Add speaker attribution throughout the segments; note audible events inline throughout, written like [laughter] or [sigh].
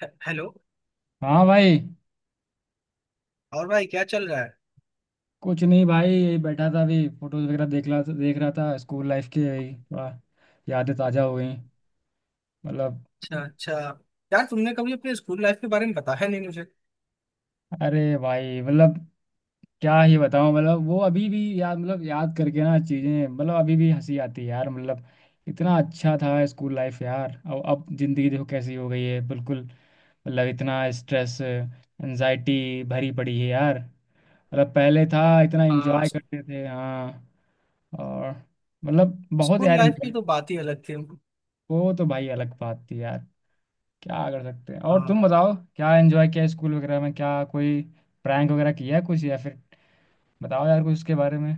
Speaker 1: Hello.
Speaker 2: हाँ भाई।
Speaker 1: और भाई क्या चल रहा है।
Speaker 2: कुछ नहीं भाई, यही बैठा था अभी फोटोज वगैरह देख रहा था स्कूल लाइफ की। यही थोड़ा यादें ताज़ा हो गई मतलब।
Speaker 1: अच्छा अच्छा। यार तुमने कभी अपने स्कूल लाइफ के बारे में बताया नहीं मुझे।
Speaker 2: अरे भाई मतलब क्या ही बताऊं। मतलब वो अभी भी याद, मतलब याद करके ना चीज़ें मतलब अभी भी हंसी आती है यार। मतलब इतना अच्छा था स्कूल लाइफ यार, और अब ज़िंदगी देखो कैसी हो गई है बिल्कुल। मतलब इतना स्ट्रेस एनजाइटी भरी पड़ी है यार। मतलब पहले था इतना
Speaker 1: आ,
Speaker 2: एंजॉय
Speaker 1: स-
Speaker 2: करते थे। हाँ। और मतलब बहुत
Speaker 1: स्कूल
Speaker 2: यार
Speaker 1: लाइफ की
Speaker 2: enjoy।
Speaker 1: तो बात ही अलग थी।
Speaker 2: वो तो भाई अलग बात थी यार। क्या कर सकते हैं। और
Speaker 1: आ,
Speaker 2: तुम बताओ क्या एंजॉय किया स्कूल वगैरह में, क्या कोई प्रैंक वगैरह किया है कुछ, या फिर बताओ यार कुछ उसके बारे में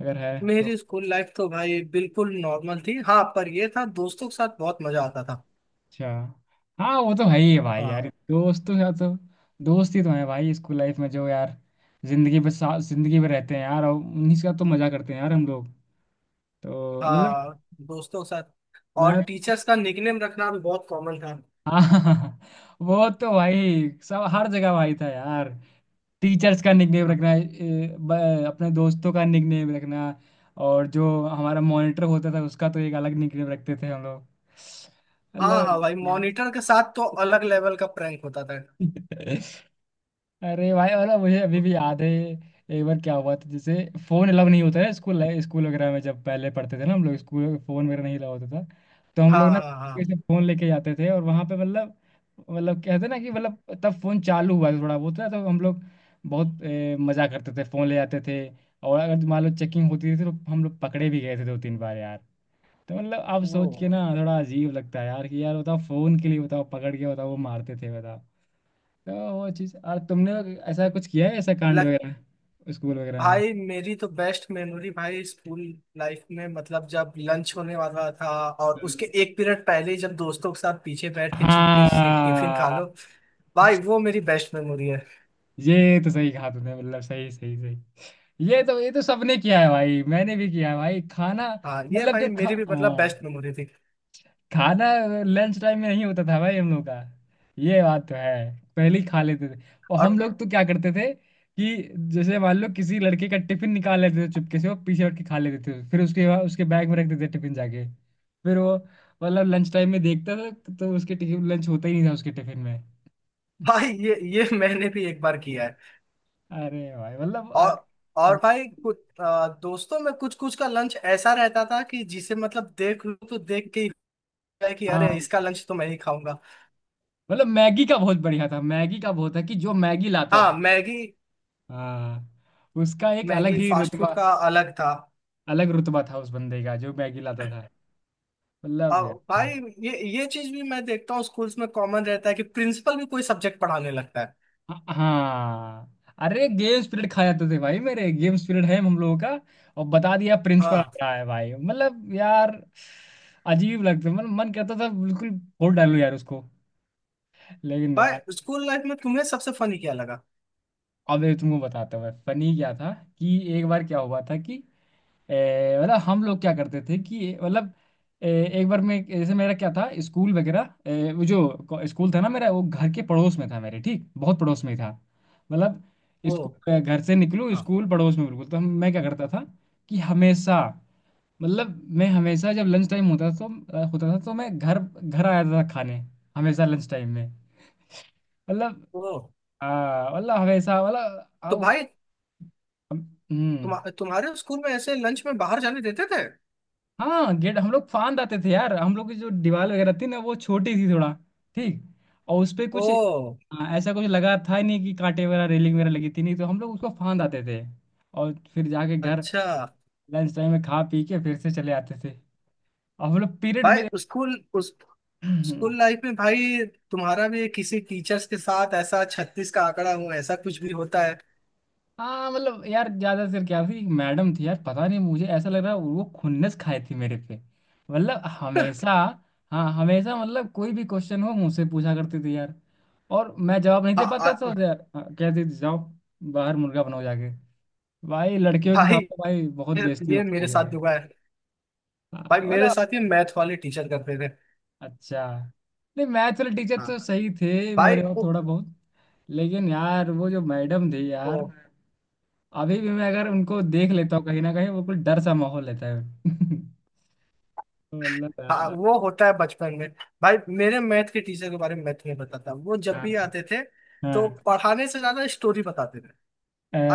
Speaker 2: अगर है तो।
Speaker 1: मेरी स्कूल लाइफ तो भाई बिल्कुल नॉर्मल थी। हाँ पर ये था दोस्तों के साथ बहुत मजा आता था।
Speaker 2: अच्छा। हाँ वो तो है ही है भाई यार,
Speaker 1: हाँ
Speaker 2: दोस्तों के साथ तो। दोस्त ही तो है भाई स्कूल लाइफ में जो यार जिंदगी पर साथ जिंदगी में रहते हैं यार, और उन्हीं के साथ तो मजा करते हैं यार हम लोग। तो मतलब
Speaker 1: हाँ। दोस्तों के साथ और
Speaker 2: मैं।
Speaker 1: टीचर्स का निकनेम रखना भी बहुत कॉमन था।
Speaker 2: हाँ। [laughs] वो तो भाई सब हर जगह भाई था यार। टीचर्स का निकनेम रखना, अपने दोस्तों का निकनेम रखना, और जो हमारा मॉनिटर होता था उसका तो एक अलग निकनेम रखते थे हम लोग।
Speaker 1: हाँ
Speaker 2: मतलब।
Speaker 1: हाँ भाई, मॉनिटर के साथ तो अलग लेवल का प्रैंक होता था।
Speaker 2: [laughs] अरे भाई और मुझे अभी भी याद है। एक बार क्या हुआ था, जैसे फोन अलाउ नहीं होता है स्कूल स्कूल वगैरह में। जब पहले पढ़ते थे ना हम लोग, स्कूल में फोन वगैरह नहीं अलाउ होता था, तो हम
Speaker 1: हाँ
Speaker 2: लोग ना
Speaker 1: हाँ हाँ,
Speaker 2: ऐसे फोन लेके जाते थे, और वहां पे मतलब कहते ना कि मतलब तब फोन चालू हुआ था थोड़ा बहुत ना, तो हम लोग बहुत मजा करते थे, फोन ले जाते थे। और अगर मान लो चेकिंग होती थी तो हम लोग पकड़े भी गए थे दो तीन बार यार। तो मतलब अब
Speaker 1: वो
Speaker 2: सोच के ना थोड़ा अजीब लगता है यार, कि यार बताओ फोन के लिए बताओ, पकड़ के बताओ, वो मारते थे बताओ। तो वो चीज। और तुमने ऐसा कुछ किया है, ऐसा कांड वगैरह स्कूल वगैरह में?
Speaker 1: भाई मेरी तो बेस्ट मेमोरी भाई स्कूल लाइफ में, मतलब जब लंच होने वाला था और
Speaker 2: हम्म।
Speaker 1: उसके एक पीरियड पहले ही जब दोस्तों के साथ पीछे बैठ के छुप के से टिफिन खा
Speaker 2: हाँ
Speaker 1: लो। भाई वो मेरी बेस्ट मेमोरी है।
Speaker 2: ये तो सही कहा तुमने, मतलब सही सही सही। ये तो सबने किया है भाई, मैंने भी किया है भाई खाना।
Speaker 1: हाँ ये
Speaker 2: मतलब जो
Speaker 1: भाई
Speaker 2: खा,
Speaker 1: मेरी भी मतलब
Speaker 2: हाँ,
Speaker 1: बेस्ट मेमोरी थी।
Speaker 2: खाना लंच टाइम में नहीं होता था भाई हम लोग का, ये बात तो है, पहले ही खा लेते थे। और हम
Speaker 1: और
Speaker 2: लोग तो क्या करते थे कि जैसे मान लो किसी लड़के का टिफिन निकाल लेते थे चुपके से, वो पीछे हट के खा लेते थे, फिर उसके बाद उसके बैग में रख देते थे टिफिन जाके। फिर वो मतलब लंच टाइम में देखता था तो उसके टिफिन लंच होता ही नहीं था उसके टिफिन में।
Speaker 1: भाई ये [laughs] मैंने भी एक बार किया है।
Speaker 2: अरे भाई मतलब
Speaker 1: और और
Speaker 2: अ-
Speaker 1: भाई कुछ दोस्तों में कुछ कुछ का लंच ऐसा रहता था कि जिसे मतलब देख लो तो देख के ही होता है कि अरे,
Speaker 2: हाँ।
Speaker 1: इसका लंच तो मैं ही खाऊंगा।
Speaker 2: मतलब मैगी का बहुत बढ़िया था, मैगी का बहुत था कि जो मैगी लाता
Speaker 1: हाँ
Speaker 2: था,
Speaker 1: मैगी।
Speaker 2: हाँ, उसका एक अलग
Speaker 1: मैगी
Speaker 2: ही
Speaker 1: फास्ट फूड
Speaker 2: रुतबा,
Speaker 1: का अलग था।
Speaker 2: अलग रुतबा था उस बंदे का जो मैगी लाता था। मतलब
Speaker 1: आ, भाई
Speaker 2: यार।
Speaker 1: ये चीज भी मैं देखता हूँ स्कूल्स में कॉमन रहता है कि प्रिंसिपल भी कोई सब्जेक्ट पढ़ाने लगता है।
Speaker 2: हाँ। अरे गेम स्पिरिट खा जाते थे भाई, मेरे गेम स्पिरिट है हम लोगों का, और बता दिया प्रिंसिपल आ
Speaker 1: हाँ
Speaker 2: रहा है भाई। मतलब यार अजीब लगता है, मतलब मन कहता था बिल्कुल फोड़ डालूं यार उसको, लेकिन यार।
Speaker 1: भाई, स्कूल लाइफ में तुम्हें सबसे फनी क्या लगा?
Speaker 2: अब ये तुमको बताता हूँ फनी क्या था। कि एक बार क्या हुआ था, कि मतलब हम लोग क्या करते थे कि मतलब ए, एक बार मैं, जैसे मेरा क्या था स्कूल वगैरह वो जो स्कूल था ना मेरा, वो घर के पड़ोस में था मेरे, ठीक बहुत पड़ोस में ही था। मतलब
Speaker 1: वो
Speaker 2: स्कूल घर से निकलूँ,
Speaker 1: हाँ।
Speaker 2: स्कूल पड़ोस में बिल्कुल, तो हम मैं क्या करता था कि हमेशा, मतलब मैं हमेशा जब लंच टाइम होता था तो होता था तो मैं घर घर आ जाता था खाने, हमेशा लंच टाइम में। मतलब
Speaker 1: ओ
Speaker 2: मतलब हमेशा मतलब
Speaker 1: तो भाई,
Speaker 2: हम्म।
Speaker 1: तुम्हारे स्कूल में ऐसे लंच में बाहर जाने देते थे?
Speaker 2: हाँ गेट हम लोग फांद आते थे यार, हम लोग की जो दीवार वगैरह थी ना वो छोटी थी थोड़ा, ठीक, और उस पे कुछ,
Speaker 1: ओ
Speaker 2: हाँ, ऐसा कुछ लगा था ही नहीं कि कांटे वगैरह रेलिंग वगैरह लगी थी नहीं, तो हम लोग उसको फांद आते थे। और फिर जाके घर
Speaker 1: अच्छा।
Speaker 2: लंच टाइम में खा पी के फिर से चले आते थे, और हम लोग पीरियड
Speaker 1: भाई
Speaker 2: में।
Speaker 1: उस
Speaker 2: [clears throat]
Speaker 1: स्कूल लाइफ में भाई तुम्हारा भी किसी टीचर्स के साथ ऐसा छत्तीस का आंकड़ा हो ऐसा कुछ भी होता है?
Speaker 2: हाँ मतलब यार, ज्यादा सिर क्या थी, एक मैडम थी यार, पता नहीं मुझे ऐसा लग रहा है वो खुन्नस खाई थी मेरे पे। मतलब
Speaker 1: [laughs]
Speaker 2: हमेशा, हाँ हमेशा, मतलब कोई भी क्वेश्चन हो मुझसे पूछा करती थी यार, और मैं जवाब नहीं
Speaker 1: आ,
Speaker 2: दे पाता
Speaker 1: आ,
Speaker 2: था यार, हाँ, कहती थी जाओ बाहर मुर्गा बनाओ जाके। भाई लड़कियों के
Speaker 1: भाई
Speaker 2: सामने भाई बहुत
Speaker 1: ये
Speaker 2: बेइज्जती
Speaker 1: ये
Speaker 2: होती
Speaker 1: मेरे
Speaker 2: है
Speaker 1: साथ
Speaker 2: यार।
Speaker 1: हुआ है।
Speaker 2: हाँ,
Speaker 1: भाई मेरे
Speaker 2: मतलब।
Speaker 1: साथ ये मैथ वाले टीचर करते थे।
Speaker 2: अच्छा। नहीं मैथ्स वाले टीचर
Speaker 1: हाँ।
Speaker 2: तो सही थे
Speaker 1: भाई
Speaker 2: मेरे और, थोड़ा बहुत। लेकिन यार वो जो मैडम थी यार,
Speaker 1: वो,
Speaker 2: अभी भी मैं अगर उनको देख लेता हूँ कहीं ना कहीं, वो कुछ डर सा माहौल रहता है। [laughs] मतलब
Speaker 1: हाँ,
Speaker 2: यार।
Speaker 1: वो होता है बचपन में। भाई मेरे मैथ के टीचर के बारे में मैं तुम्हें बताता हूँ। वो जब
Speaker 2: हाँ।
Speaker 1: भी आते थे तो
Speaker 2: हाँ,
Speaker 1: पढ़ाने से ज्यादा स्टोरी बताते थे।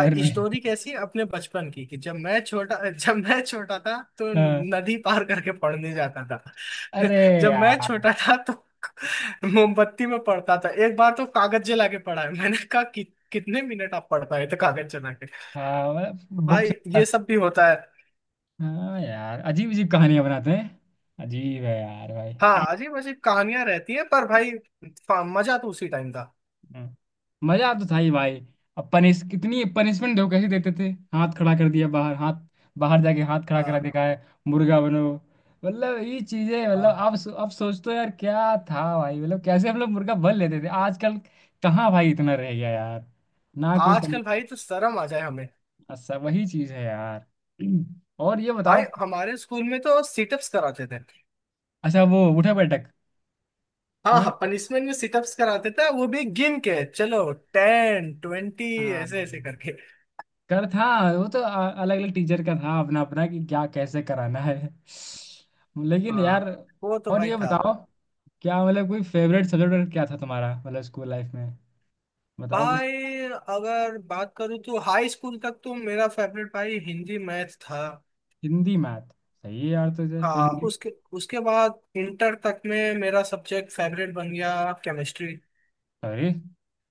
Speaker 1: और स्टोरी कैसी, अपने बचपन की कि जब मैं छोटा [laughs] जब मैं छोटा था तो
Speaker 2: हाँ,
Speaker 1: नदी पार करके पढ़ने जाता था।
Speaker 2: अरे
Speaker 1: [laughs] जब मैं
Speaker 2: यार
Speaker 1: छोटा था तो [laughs] मोमबत्ती में पढ़ता था। एक बार तो कागज जला के पढ़ा है। मैंने कहा कि कितने मिनट आप पढ़ पाए थे कागज जला के?
Speaker 2: हाँ।
Speaker 1: तो
Speaker 2: बुक
Speaker 1: भाई
Speaker 2: से।
Speaker 1: ये सब भी होता है।
Speaker 2: हाँ यार अजीब अजीब कहानियां बनाते हैं, अजीब है यार भाई।
Speaker 1: हाँ अजीब अजीब कहानियां रहती हैं पर भाई मजा तो उसी टाइम था।
Speaker 2: [laughs] मजा तो था ही भाई। अब पनिश, कितनी पनिशमेंट देखो कैसे देते थे। हाथ खड़ा कर दिया, बाहर हाथ, बाहर जाके हाथ खड़ा करा,
Speaker 1: हाँ
Speaker 2: देखा है, मुर्गा बनो। मतलब ये चीजें, मतलब
Speaker 1: हाँ।
Speaker 2: आप सोचते हो यार क्या था भाई, मतलब कैसे हम लोग मुर्गा बन लेते थे, आजकल कहाँ भाई इतना रह गया यार, ना कोई
Speaker 1: आजकल
Speaker 2: पनिशमेंट,
Speaker 1: भाई तो शर्म आ जाए हमें।
Speaker 2: सब वही चीज है यार। और ये
Speaker 1: भाई
Speaker 2: बताओ।
Speaker 1: हमारे स्कूल में तो सिटअप्स कराते थे।
Speaker 2: अच्छा वो उठक बैठक?
Speaker 1: हाँ
Speaker 2: हैं?
Speaker 1: हाँ, पनिशमेंट में सिटअप्स कराते थे, वो भी गिन के, चलो 10 20
Speaker 2: हाँ
Speaker 1: ऐसे ऐसे करके।
Speaker 2: कर था। वो तो अलग अलग टीचर का था अपना अपना, कि क्या कैसे कराना है, लेकिन
Speaker 1: हाँ
Speaker 2: यार।
Speaker 1: वो तो
Speaker 2: और
Speaker 1: भाई
Speaker 2: ये
Speaker 1: था।
Speaker 2: बताओ, क्या, मतलब कोई फेवरेट सब्जेक्ट क्या था तुम्हारा मतलब स्कूल लाइफ में, बताओ कुछ।
Speaker 1: भाई अगर बात करूँ तो हाई स्कूल तक तो मेरा फेवरेट भाई हिंदी मैथ था।
Speaker 2: हिंदी मैथ। सही है यार, तुझे तो
Speaker 1: हाँ।
Speaker 2: हिंदी।
Speaker 1: उसके उसके बाद इंटर तक में मेरा सब्जेक्ट फेवरेट बन गया केमिस्ट्री।
Speaker 2: अरे।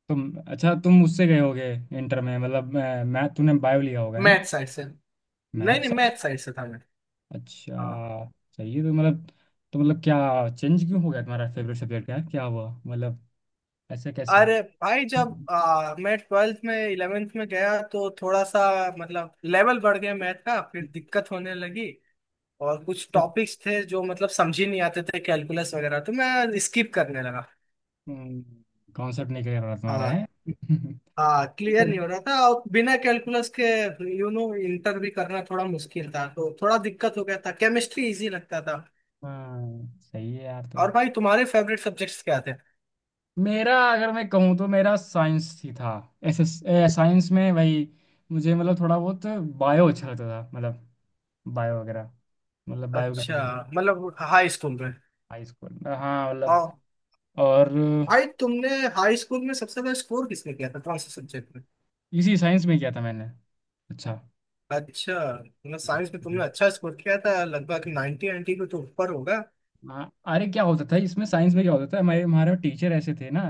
Speaker 2: तुम। अच्छा, तुम उससे गए होगे, इंटर में मतलब मैथ, तूने बायो लिया होगा है?
Speaker 1: मैथ साइड से। नहीं
Speaker 2: मैथ
Speaker 1: नहीं,
Speaker 2: से।
Speaker 1: मैथ साइड से था मैं।
Speaker 2: अच्छा।
Speaker 1: हाँ।
Speaker 2: सही है, तो मतलब, तो मतलब क्या चेंज क्यों हो गया तुम्हारा फेवरेट सब्जेक्ट, क्या क्या हुआ मतलब, ऐसे कैसे?
Speaker 1: अरे भाई, जब मैं ट्वेल्थ में 11th में गया तो थोड़ा सा मतलब लेवल बढ़ गया मैथ का, फिर दिक्कत होने लगी। और कुछ टॉपिक्स थे जो मतलब समझ ही नहीं आते थे कैलकुलस वगैरह, तो मैं स्किप करने लगा।
Speaker 2: कॉन्सेप्ट नहीं क्लियर हो रहा तुम्हारा
Speaker 1: हाँ
Speaker 2: है। [laughs]
Speaker 1: हाँ क्लियर नहीं
Speaker 2: चलो।
Speaker 1: हो रहा था और बिना कैलकुलस के इंटर भी करना थोड़ा मुश्किल था, तो थोड़ा दिक्कत हो गया था, केमिस्ट्री इजी लगता था।
Speaker 2: हाँ सही है यार तो।
Speaker 1: और भाई तुम्हारे फेवरेट सब्जेक्ट्स क्या थे?
Speaker 2: मेरा अगर मैं कहूँ तो मेरा साइंस ही था ऐसे। साइंस में भाई मुझे मतलब थोड़ा बहुत बायो अच्छा लगता था, मतलब बायो वगैरह, मतलब बायो के
Speaker 1: अच्छा
Speaker 2: सब्जेक्ट।
Speaker 1: मतलब हाई स्कूल में।
Speaker 2: हाई स्कूल में। हाँ मतलब।
Speaker 1: हाँ।
Speaker 2: और
Speaker 1: भाई तुमने हाई स्कूल में सबसे ज्यादा स्कोर किसने किया था, कौन से सब्जेक्ट में?
Speaker 2: इसी साइंस में किया था मैंने। अच्छा।
Speaker 1: अच्छा मतलब साइंस में तुमने अच्छा स्कोर किया था, लगभग 90, 90 के तो ऊपर होगा।
Speaker 2: हाँ अरे क्या होता था इसमें, साइंस में क्या होता था, हमारे हमारे टीचर ऐसे थे ना,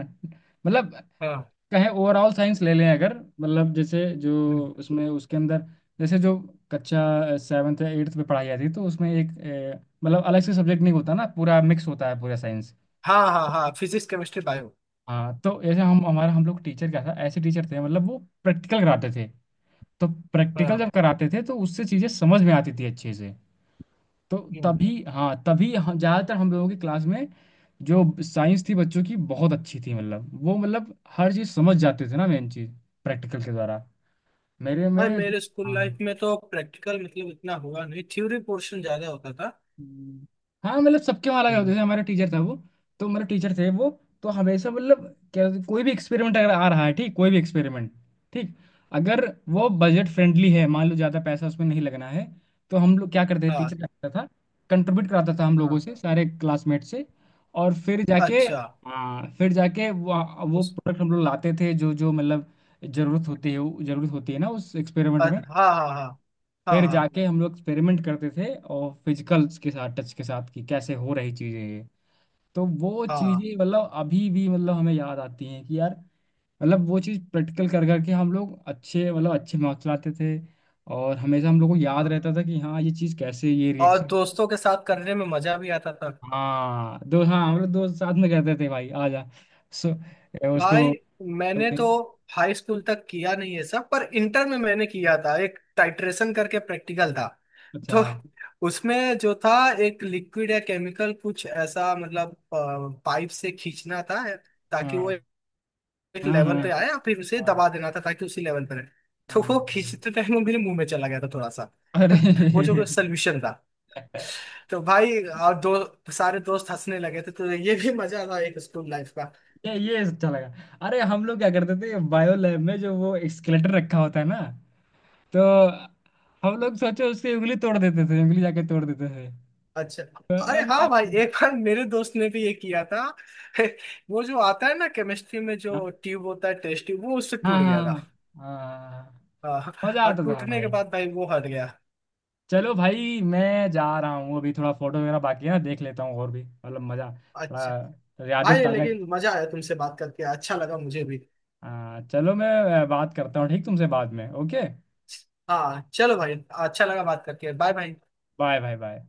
Speaker 2: मतलब
Speaker 1: हाँ।
Speaker 2: कहें ओवरऑल साइंस ले लें अगर, मतलब जैसे जो
Speaker 1: हम्म।
Speaker 2: उसमें उसके अंदर, जैसे जो कक्षा सेवन्थ या एट्थ में पढ़ाई जाती है, तो उसमें एक मतलब अलग से सब्जेक्ट नहीं होता ना, पूरा मिक्स होता है पूरा साइंस।
Speaker 1: हाँ हाँ हाँ, फिजिक्स केमिस्ट्री बायो।
Speaker 2: हाँ तो ऐसे हम लोग टीचर क्या था, ऐसे टीचर थे मतलब वो प्रैक्टिकल कराते थे। तो प्रैक्टिकल जब
Speaker 1: हाँ।
Speaker 2: कराते थे तो उससे चीज़ें समझ में आती थी अच्छे से। तो
Speaker 1: हम्म।
Speaker 2: तभी, हाँ तभी हम ज़्यादातर हम लोगों की क्लास में जो साइंस थी बच्चों की बहुत अच्छी थी, मतलब वो मतलब हर चीज़ समझ जाते थे ना मेन चीज़ प्रैक्टिकल के द्वारा। मेरे
Speaker 1: भाई
Speaker 2: में
Speaker 1: मेरे स्कूल लाइफ
Speaker 2: हाँ
Speaker 1: में तो प्रैक्टिकल मतलब इतना हुआ नहीं, थ्योरी पोर्शन ज्यादा होता था।
Speaker 2: हम्म, हाँ मतलब सबके वहाँ लगे होते
Speaker 1: हम्म।
Speaker 2: थे, हमारा टीचर था वो, तो मेरे टीचर थे वो, तो हमेशा मतलब क्या होता- है, कोई भी एक्सपेरिमेंट अगर आ रहा है, ठीक, कोई भी एक्सपेरिमेंट, ठीक, अगर वो बजट फ्रेंडली है मान लो, ज़्यादा पैसा उसमें नहीं लगना है, तो हम लोग क्या करते थे,
Speaker 1: हाँ
Speaker 2: टीचर क्या करता था कंट्रीब्यूट कराता था हम लोगों
Speaker 1: हाँ।
Speaker 2: से, सारे क्लासमेट से, और फिर जाके,
Speaker 1: अच्छा
Speaker 2: हाँ फिर जाके वो
Speaker 1: उस
Speaker 2: प्रोडक्ट हम लोग लाते थे, जो जो मतलब ज़रूरत होती है जरूरत होती है ना उस एक्सपेरिमेंट में।
Speaker 1: हाँ हाँ हाँ हाँ
Speaker 2: फिर
Speaker 1: हाँ
Speaker 2: जाके हम लोग एक्सपेरिमेंट करते थे और फिजिकल्स के साथ टच के साथ कि कैसे हो रही चीज़ें ये। तो वो
Speaker 1: हाँ
Speaker 2: चीज़ें मतलब अभी भी मतलब हमें याद आती हैं कि यार, मतलब वो चीज़ प्रैक्टिकल कर करके हम लोग अच्छे, मतलब अच्छे मार्क्स लाते थे, और हमेशा हम लोग को याद
Speaker 1: हाँ।
Speaker 2: रहता था कि हाँ ये चीज़ कैसे, ये
Speaker 1: और
Speaker 2: रिएक्शन।
Speaker 1: दोस्तों के साथ करने में मजा भी आता था।
Speaker 2: हाँ दो, हाँ हम लोग दोस्त साथ में कहते थे भाई आ जा। सो उसको।
Speaker 1: भाई मैंने तो हाई स्कूल तक किया नहीं है सब, पर इंटर में मैंने किया था एक टाइट्रेशन करके प्रैक्टिकल था।
Speaker 2: अच्छा।
Speaker 1: तो उसमें जो था एक लिक्विड या केमिकल कुछ ऐसा, मतलब पाइप से खींचना था ताकि वो
Speaker 2: हाँ
Speaker 1: एक
Speaker 2: हाँ
Speaker 1: लेवल पे
Speaker 2: हाँ।
Speaker 1: आए और फिर उसे
Speaker 2: हाँ
Speaker 1: दबा देना था ताकि उसी लेवल पे रहे।
Speaker 2: हाँ
Speaker 1: तो वो
Speaker 2: हाँ।
Speaker 1: खींचते टाइम वो मेरे मुंह में चला गया था थोड़ा सा।
Speaker 2: अरे
Speaker 1: [laughs] वो जो सोल्यूशन था।
Speaker 2: [laughs]
Speaker 1: तो भाई, और दो सारे दोस्त हंसने लगे थे, तो ये भी मजा था एक स्कूल लाइफ।
Speaker 2: ये अच्छा लगा। अरे हम लोग क्या करते थे, बायो लैब में जो वो स्केलेटन रखा होता है ना, तो हम लोग सोचो उसकी उंगली तोड़ देते थे, उंगली जाके तोड़ देते थे।
Speaker 1: अच्छा।
Speaker 2: तो
Speaker 1: अरे हाँ भाई, एक बार मेरे दोस्त ने भी ये किया था। [laughs] वो जो आता है ना केमिस्ट्री में, जो ट्यूब होता है टेस्ट ट्यूब, वो उससे
Speaker 2: हाँ
Speaker 1: टूट गया था।
Speaker 2: हाँ हाँ हाँ,
Speaker 1: हाँ।
Speaker 2: मजा
Speaker 1: और
Speaker 2: आता था
Speaker 1: टूटने के
Speaker 2: भाई।
Speaker 1: बाद भाई वो हट गया।
Speaker 2: चलो भाई मैं जा रहा हूँ, अभी थोड़ा फोटो वगैरह बाकी है ना, देख लेता हूँ और भी, मतलब मजा,
Speaker 1: अच्छा
Speaker 2: थोड़ा यादें
Speaker 1: भाई,
Speaker 2: ताजा।
Speaker 1: लेकिन मजा आया तुमसे बात करके, अच्छा लगा मुझे भी।
Speaker 2: हाँ चलो, मैं बात करता हूँ ठीक तुमसे बाद में, ओके।
Speaker 1: हाँ चलो भाई, अच्छा लगा बात करके। Bye bye.
Speaker 2: Bye bye bye.